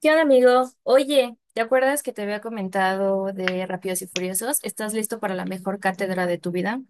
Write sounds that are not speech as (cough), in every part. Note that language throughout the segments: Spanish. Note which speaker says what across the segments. Speaker 1: ¿Qué onda, amigo? Oye, ¿te acuerdas que te había comentado de Rápidos y Furiosos? ¿Estás listo para la mejor cátedra de tu vida?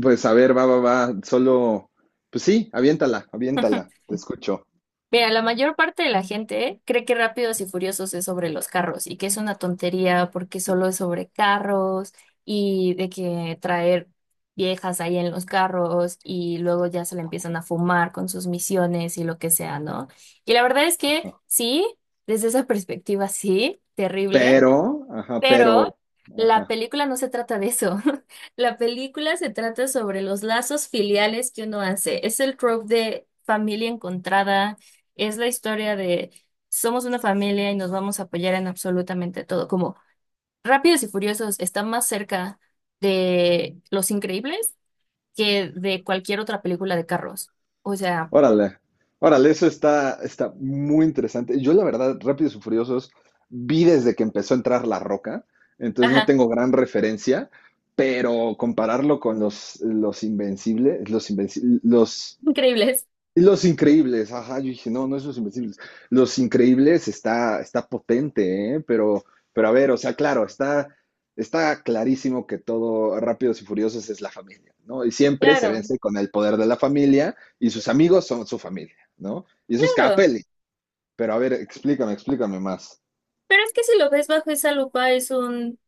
Speaker 2: Pues a ver, va, va, va. Solo, pues sí, aviéntala, aviéntala, te escucho.
Speaker 1: Mira, la mayor parte de la gente cree que Rápidos y Furiosos es sobre los carros y que es una tontería porque solo es sobre carros y de que traer viejas ahí en los carros y luego ya se le empiezan a fumar con sus misiones y lo que sea, ¿no? Y la verdad es que
Speaker 2: Ajá.
Speaker 1: sí, desde esa perspectiva sí, terrible.
Speaker 2: Pero, ajá, pero,
Speaker 1: Pero la
Speaker 2: ajá.
Speaker 1: película no se trata de eso. (laughs) La película se trata sobre los lazos filiales que uno hace. Es el trope de familia encontrada, es la historia de somos una familia y nos vamos a apoyar en absolutamente todo. Como Rápidos y Furiosos está más cerca de Los Increíbles que de cualquier otra película de carros. O sea,
Speaker 2: Órale, órale, eso está muy interesante. Yo, la verdad, Rápidos y Furiosos vi desde que empezó a entrar La Roca, entonces no
Speaker 1: ajá,
Speaker 2: tengo gran referencia, pero compararlo con los Invencibles, los Invencibles,
Speaker 1: (laughs) increíbles.
Speaker 2: Los Increíbles, ajá, yo dije, no, no es Los Invencibles. Los Increíbles está potente, ¿eh? Pero a ver, o sea, claro, está clarísimo que todo Rápidos y Furiosos es la familia, ¿no? Y siempre se
Speaker 1: Claro,
Speaker 2: vence con el poder de la familia y sus amigos son su familia, ¿no? Y eso es cada
Speaker 1: claro.
Speaker 2: peli. Pero a ver, explícame, explícame más.
Speaker 1: Pero es que si lo ves bajo esa lupa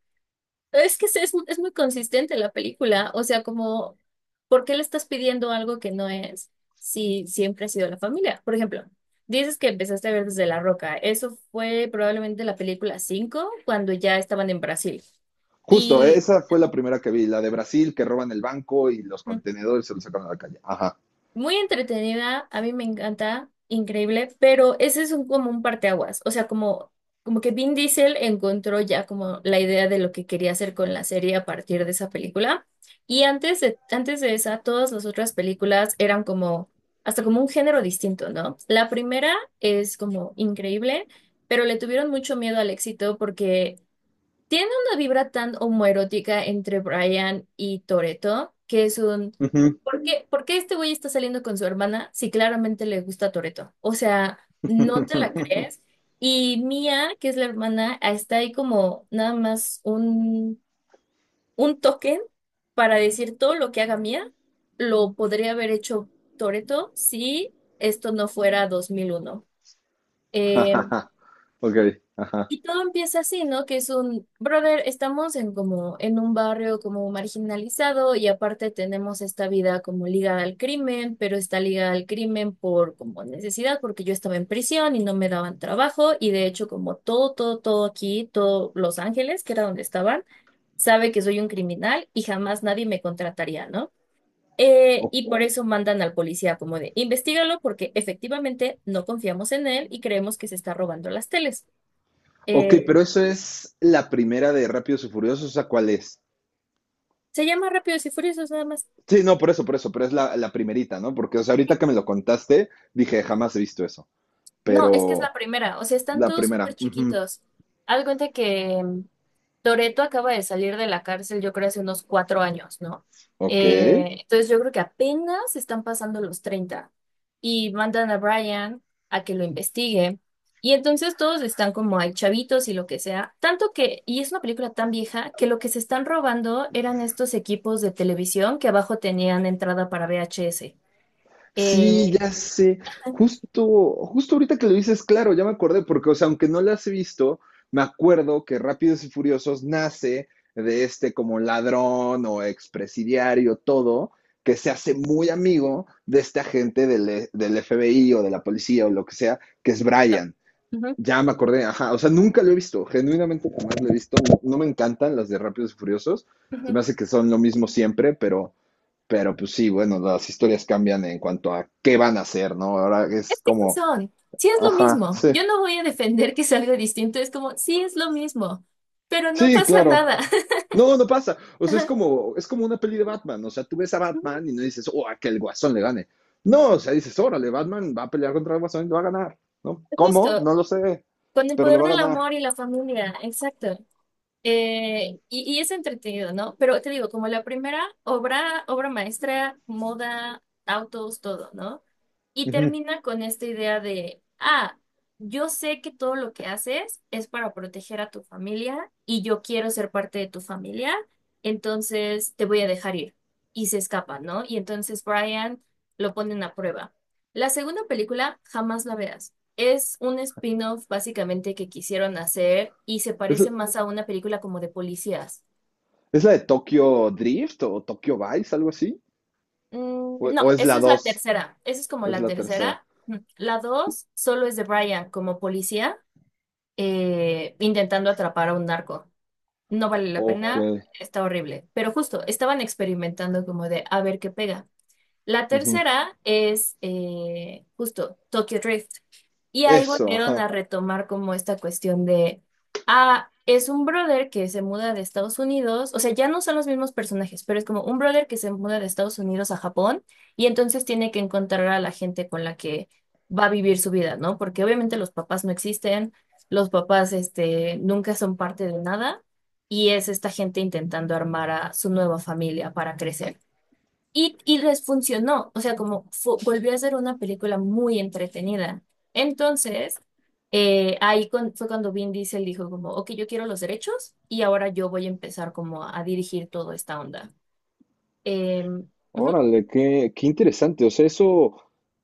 Speaker 1: es que es muy consistente la película, o sea, como, ¿por qué le estás pidiendo algo que no es si siempre ha sido la familia? Por ejemplo, dices que empezaste a ver desde La Roca, eso fue probablemente la película 5 cuando ya estaban en Brasil.
Speaker 2: Justo,
Speaker 1: Y
Speaker 2: esa fue la primera que vi, la de Brasil, que roban el banco y los contenedores se los sacan a la calle. Ajá.
Speaker 1: muy entretenida, a mí me encanta, increíble, pero ese es un, como un parteaguas, o sea, como, que Vin Diesel encontró ya como la idea de lo que quería hacer con la serie a partir de esa película, y antes de esa, todas las otras películas eran como, hasta como un género distinto, ¿no? La primera es como increíble, pero le tuvieron mucho miedo al éxito porque tiene una vibra tan homoerótica entre Brian y Toretto, que es un...
Speaker 2: Ujú.
Speaker 1: ¿Por qué este güey está saliendo con su hermana si claramente le gusta Toretto? O sea, no te la
Speaker 2: (laughs)
Speaker 1: crees. Y Mia, que es la hermana, está ahí como nada más un token para decir todo lo que haga Mia, lo podría haber hecho Toretto si esto no fuera 2001. Eh,
Speaker 2: Ok, ajá.
Speaker 1: y todo empieza así, ¿no? Que es un, brother, estamos en como en un barrio como marginalizado y aparte tenemos esta vida como ligada al crimen, pero está ligada al crimen por como necesidad, porque yo estaba en prisión y no me daban trabajo y de hecho como todo, todo, todo aquí, todo Los Ángeles, que era donde estaban, sabe que soy un criminal y jamás nadie me contrataría, ¿no? Y por eso mandan al policía como de, investígalo porque efectivamente no confiamos en él y creemos que se está robando las teles.
Speaker 2: Ok,
Speaker 1: Eh,
Speaker 2: pero eso es la primera de Rápidos y Furiosos, o sea, ¿cuál es?
Speaker 1: Se llama Rápidos y Furiosos nada más.
Speaker 2: Sí, no, por eso, pero es la primerita, ¿no? Porque, o sea, ahorita que me lo contaste, dije, jamás he visto eso,
Speaker 1: No, es que es la
Speaker 2: pero
Speaker 1: primera. O sea, están
Speaker 2: la
Speaker 1: todos súper
Speaker 2: primera. Ujú.
Speaker 1: chiquitos. Haz de cuenta que Toretto acaba de salir de la cárcel, yo creo, hace unos 4 años, ¿no?
Speaker 2: Ok.
Speaker 1: Entonces yo creo que apenas están pasando los 30 y mandan a Brian a que lo investigue. Y entonces todos están como hay chavitos y lo que sea. Tanto que, y es una película tan vieja, que lo que se están robando eran estos equipos de televisión que abajo tenían entrada para VHS.
Speaker 2: Sí,
Speaker 1: Eh,
Speaker 2: ya sé. Justo, justo ahorita que lo dices, claro, ya me acordé, porque, o sea, aunque no las he visto, me acuerdo que Rápidos y Furiosos nace de este como ladrón o expresidiario, todo, que se hace muy amigo de este agente del FBI o de la policía o lo que sea, que es Brian.
Speaker 1: Ujú,
Speaker 2: Ya me acordé, ajá, o sea, nunca lo he visto, genuinamente jamás lo he visto. No, no me encantan las de Rápidos y Furiosos, se me
Speaker 1: ujú.
Speaker 2: hace que son lo mismo siempre, pero pues sí, bueno, las historias cambian en cuanto a qué van a hacer, ¿no? Ahora
Speaker 1: Es
Speaker 2: es
Speaker 1: que sí
Speaker 2: como,
Speaker 1: son, sí es lo
Speaker 2: ajá,
Speaker 1: mismo.
Speaker 2: sí,
Speaker 1: Yo no voy a defender que es algo distinto, es como, sí es lo mismo, pero no
Speaker 2: sí,
Speaker 1: pasa
Speaker 2: claro.
Speaker 1: nada. (laughs)
Speaker 2: No, no pasa. O sea, es
Speaker 1: Ajá,
Speaker 2: como, es como una peli de Batman. O sea, tú ves a
Speaker 1: ujú,
Speaker 2: Batman y no dices, oh, a que el Guasón le gane. No, o sea, dices, órale, Batman va a pelear contra el Guasón y le va a ganar, ¿no? ¿Cómo?
Speaker 1: justo,
Speaker 2: No lo sé,
Speaker 1: con el
Speaker 2: pero le
Speaker 1: poder
Speaker 2: va a
Speaker 1: del
Speaker 2: ganar.
Speaker 1: amor y la familia, exacto. Y es entretenido, ¿no? Pero te digo, como la primera obra, obra maestra, moda, autos, todo, ¿no? Y
Speaker 2: Ujú.
Speaker 1: termina con esta idea de, ah, yo sé que todo lo que haces es para proteger a tu familia y yo quiero ser parte de tu familia, entonces te voy a dejar ir. Y se escapa, ¿no? Y entonces Brian lo ponen a prueba. La segunda película, jamás la veas. Es un spin-off básicamente que quisieron hacer y se
Speaker 2: ¿Es,
Speaker 1: parece más a una película como de policías.
Speaker 2: es la de Tokyo Drift o Tokyo Vice, algo así?
Speaker 1: Mm,
Speaker 2: ¿O,
Speaker 1: no,
Speaker 2: o es
Speaker 1: esa
Speaker 2: la
Speaker 1: es la
Speaker 2: dos?
Speaker 1: tercera. Esa es como
Speaker 2: Es
Speaker 1: la
Speaker 2: la tercera.
Speaker 1: tercera. Mm. La dos solo es de Brian como policía intentando atrapar a un narco. No vale la
Speaker 2: Ok.
Speaker 1: pena, está horrible. Pero justo, estaban experimentando como de a ver qué pega. La
Speaker 2: Ujú.
Speaker 1: tercera es justo Tokyo Drift. Y ahí
Speaker 2: Eso,
Speaker 1: volvieron
Speaker 2: ajá.
Speaker 1: a retomar como esta cuestión de, ah, es un brother que se muda de Estados Unidos, o sea, ya no son los mismos personajes, pero es como un brother que se muda de Estados Unidos a Japón y entonces tiene que encontrar a la gente con la que va a vivir su vida, ¿no? Porque obviamente los papás no existen, los papás, nunca son parte de nada y es esta gente intentando armar a su nueva familia para crecer. Y les funcionó, o sea, como volvió a ser una película muy entretenida. Entonces, ahí fue cuando Vin Diesel dijo como, ok, yo quiero los derechos y ahora yo voy a empezar como a, dirigir toda esta onda. Em, Ujú,
Speaker 2: Órale, qué interesante. O sea, eso,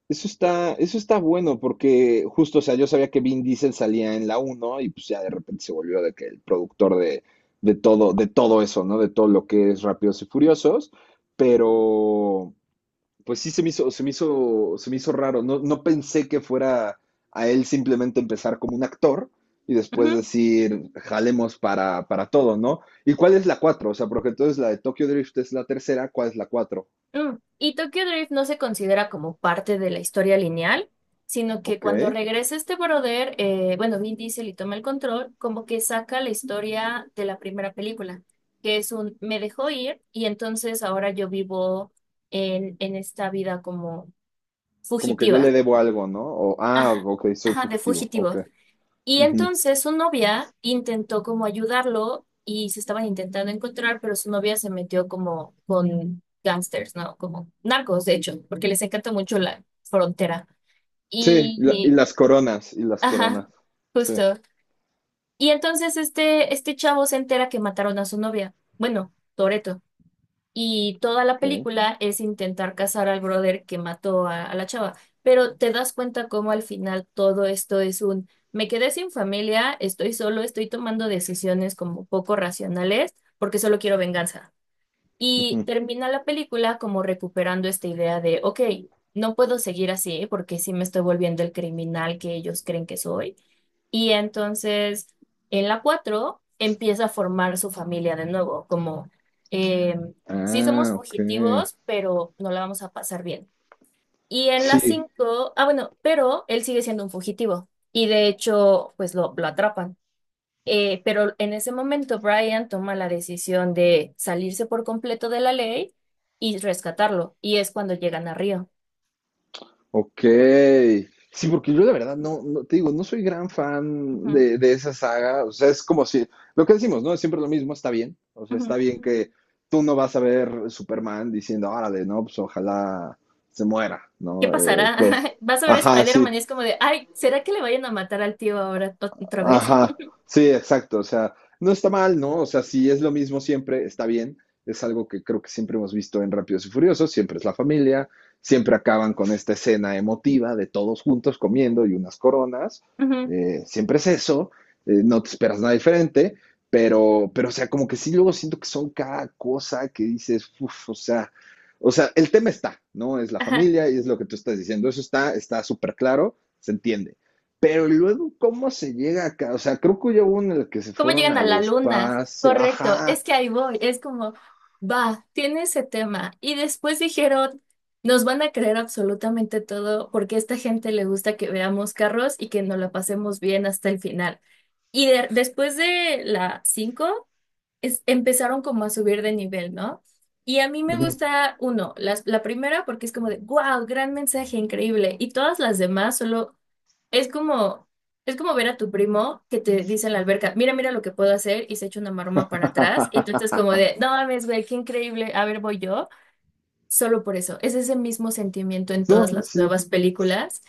Speaker 2: eso está, eso está bueno porque justo, o sea, yo sabía que Vin Diesel salía en la uno y pues ya de repente se volvió de que el productor de todo, de todo eso, ¿no? De todo lo que es Rápidos y Furiosos. Pero, pues sí se me hizo, se me hizo, se me hizo raro. No, no pensé que fuera a él simplemente empezar como un actor y después
Speaker 1: ujú.
Speaker 2: decir, jalemos para todo, ¿no? ¿Y cuál es la 4? O sea, porque entonces la de Tokyo Drift es la tercera, ¿cuál es la 4?
Speaker 1: Y Tokyo Drift no se considera como parte de la historia lineal, sino que
Speaker 2: Ok,
Speaker 1: cuando regresa este brother, bueno, Vin Diesel y toma el control, como que saca la historia de la primera película, que es un me dejó ir y entonces ahora yo vivo en, esta vida como
Speaker 2: como que yo le
Speaker 1: fugitiva.
Speaker 2: debo algo, ¿no? O, ah,
Speaker 1: Ajá,
Speaker 2: ok, soy
Speaker 1: ajá, de
Speaker 2: fugitivo, ok.
Speaker 1: fugitivo. Y
Speaker 2: Ujú.
Speaker 1: entonces su novia intentó como ayudarlo y se estaban intentando encontrar, pero su novia se metió como con gangsters, ¿no? Como narcos, de hecho, porque les encanta mucho la frontera.
Speaker 2: Sí,
Speaker 1: Y,
Speaker 2: y
Speaker 1: y-
Speaker 2: las coronas, y las
Speaker 1: ajá,
Speaker 2: coronas, sí,
Speaker 1: justo. Y entonces este, chavo se entera que mataron a su novia. Bueno, Toreto. Y toda la
Speaker 2: ok.
Speaker 1: película es intentar cazar al brother que mató a la chava. Pero te das cuenta cómo al final todo esto es un, me quedé sin familia, estoy solo, estoy tomando decisiones como poco racionales porque solo quiero venganza. Y
Speaker 2: Ujú.
Speaker 1: termina la película como recuperando esta idea de, ok, no puedo seguir así porque sí me estoy volviendo el criminal que ellos creen que soy. Y entonces en la 4 empieza a formar su familia de nuevo, como eh, sí somos
Speaker 2: Ah, ok.
Speaker 1: fugitivos, pero no la vamos a pasar bien. Y en la
Speaker 2: Sí,
Speaker 1: 5 ah bueno, pero él sigue siendo un fugitivo y de hecho pues lo atrapan. Pero en ese momento Brian toma la decisión de salirse por completo de la ley y rescatarlo, y es cuando llegan a Río.
Speaker 2: ok. Sí, porque yo la verdad no, te digo, no soy gran fan
Speaker 1: Ujú,
Speaker 2: de esa saga. O sea, es como si, lo que decimos, ¿no? Es siempre lo mismo, está bien. O sea,
Speaker 1: ujú.
Speaker 2: está bien que tú no vas a ver Superman diciendo, órale, no, pues ojalá se muera,
Speaker 1: ¿Qué
Speaker 2: ¿no? Eh,
Speaker 1: pasará?
Speaker 2: pues,
Speaker 1: (laughs) Vas a ver
Speaker 2: ajá,
Speaker 1: Spider-Man
Speaker 2: sí.
Speaker 1: y es como de, ay, ¿será que le vayan a matar al tío ahora otra vez?
Speaker 2: Ajá,
Speaker 1: (laughs)
Speaker 2: sí, exacto. O sea, no está mal, ¿no? O sea, si es lo mismo siempre, está bien. Es algo que creo que siempre hemos visto en Rápidos y Furiosos, siempre es la familia, siempre acaban con esta escena emotiva de todos juntos comiendo y unas coronas,
Speaker 1: Ujú,
Speaker 2: siempre es eso, no te esperas nada diferente, pero, o sea, como que sí, luego siento que son cada cosa que dices, uff, o sea, el tema está, ¿no? Es la
Speaker 1: ajá.
Speaker 2: familia y es lo que tú estás diciendo, eso está, está súper claro, se entiende. Pero luego, ¿cómo se llega acá? O sea, creo que ya hubo uno en el que se
Speaker 1: ¿Cómo
Speaker 2: fueron
Speaker 1: llegan a
Speaker 2: al
Speaker 1: la luna?
Speaker 2: espacio.
Speaker 1: Correcto,
Speaker 2: Ajá.
Speaker 1: es que ahí voy, es como, va, tiene ese tema. Y después dijeron, nos van a creer absolutamente todo porque a esta gente le gusta que veamos carros y que nos la pasemos bien hasta el final. Y después de la 5 empezaron como a subir de nivel, ¿no? Y a mí me gusta uno, la primera porque es como de, wow, gran mensaje, increíble. Y todas las demás solo es como, es como ver a tu primo que te dice en la alberca, mira, mira lo que puedo hacer y se echa una maroma para atrás. Y tú
Speaker 2: (laughs)
Speaker 1: estás como de, no mames, güey, qué increíble, a ver, voy yo. Solo por eso, es ese mismo sentimiento en todas
Speaker 2: No,
Speaker 1: las
Speaker 2: sí.
Speaker 1: nuevas películas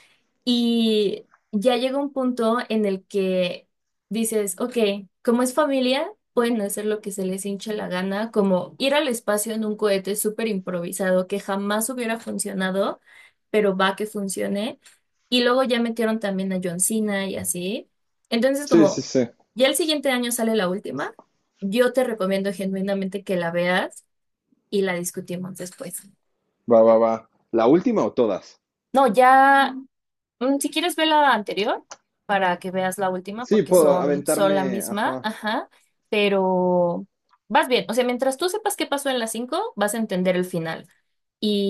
Speaker 1: y ya llega un punto en el que dices, ok, como es familia, pueden hacer lo que se les hinche la gana, como ir al espacio en un cohete súper improvisado que jamás hubiera funcionado, pero va que funcione. Y luego ya metieron también a John Cena y así. Entonces,
Speaker 2: Sí, sí,
Speaker 1: como
Speaker 2: sí.
Speaker 1: ya el siguiente año sale la última, yo te recomiendo genuinamente que la veas y la discutimos después.
Speaker 2: Va, va, va. ¿La última o todas?
Speaker 1: No, ya, si quieres ver la anterior para que veas la última,
Speaker 2: Sí,
Speaker 1: porque
Speaker 2: puedo
Speaker 1: son, la
Speaker 2: aventarme.
Speaker 1: misma,
Speaker 2: Ajá.
Speaker 1: ajá, pero vas bien. O sea, mientras tú sepas qué pasó en las cinco, vas a entender el final.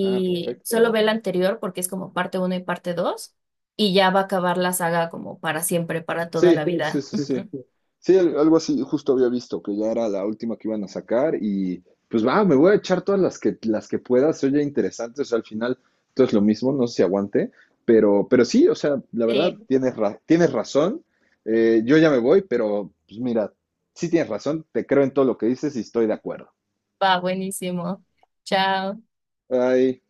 Speaker 2: Ah,
Speaker 1: solo ve
Speaker 2: perfecto.
Speaker 1: la anterior porque es como parte uno y parte dos, y ya va a acabar la saga como para siempre, para toda la
Speaker 2: Sí, sí,
Speaker 1: vida.
Speaker 2: sí, sí.
Speaker 1: (laughs)
Speaker 2: Sí, algo así justo había visto, que ya era la última que iban a sacar y pues va, me voy a echar todas las que pueda, se oye interesante, o sea, al final todo es lo mismo, no sé si aguante, pero sí, o sea, la verdad,
Speaker 1: Sí,
Speaker 2: tienes razón, yo ya me voy, pero pues mira, sí tienes razón, te creo en todo lo que dices y estoy de acuerdo.
Speaker 1: va buenísimo. Chao.
Speaker 2: Ay.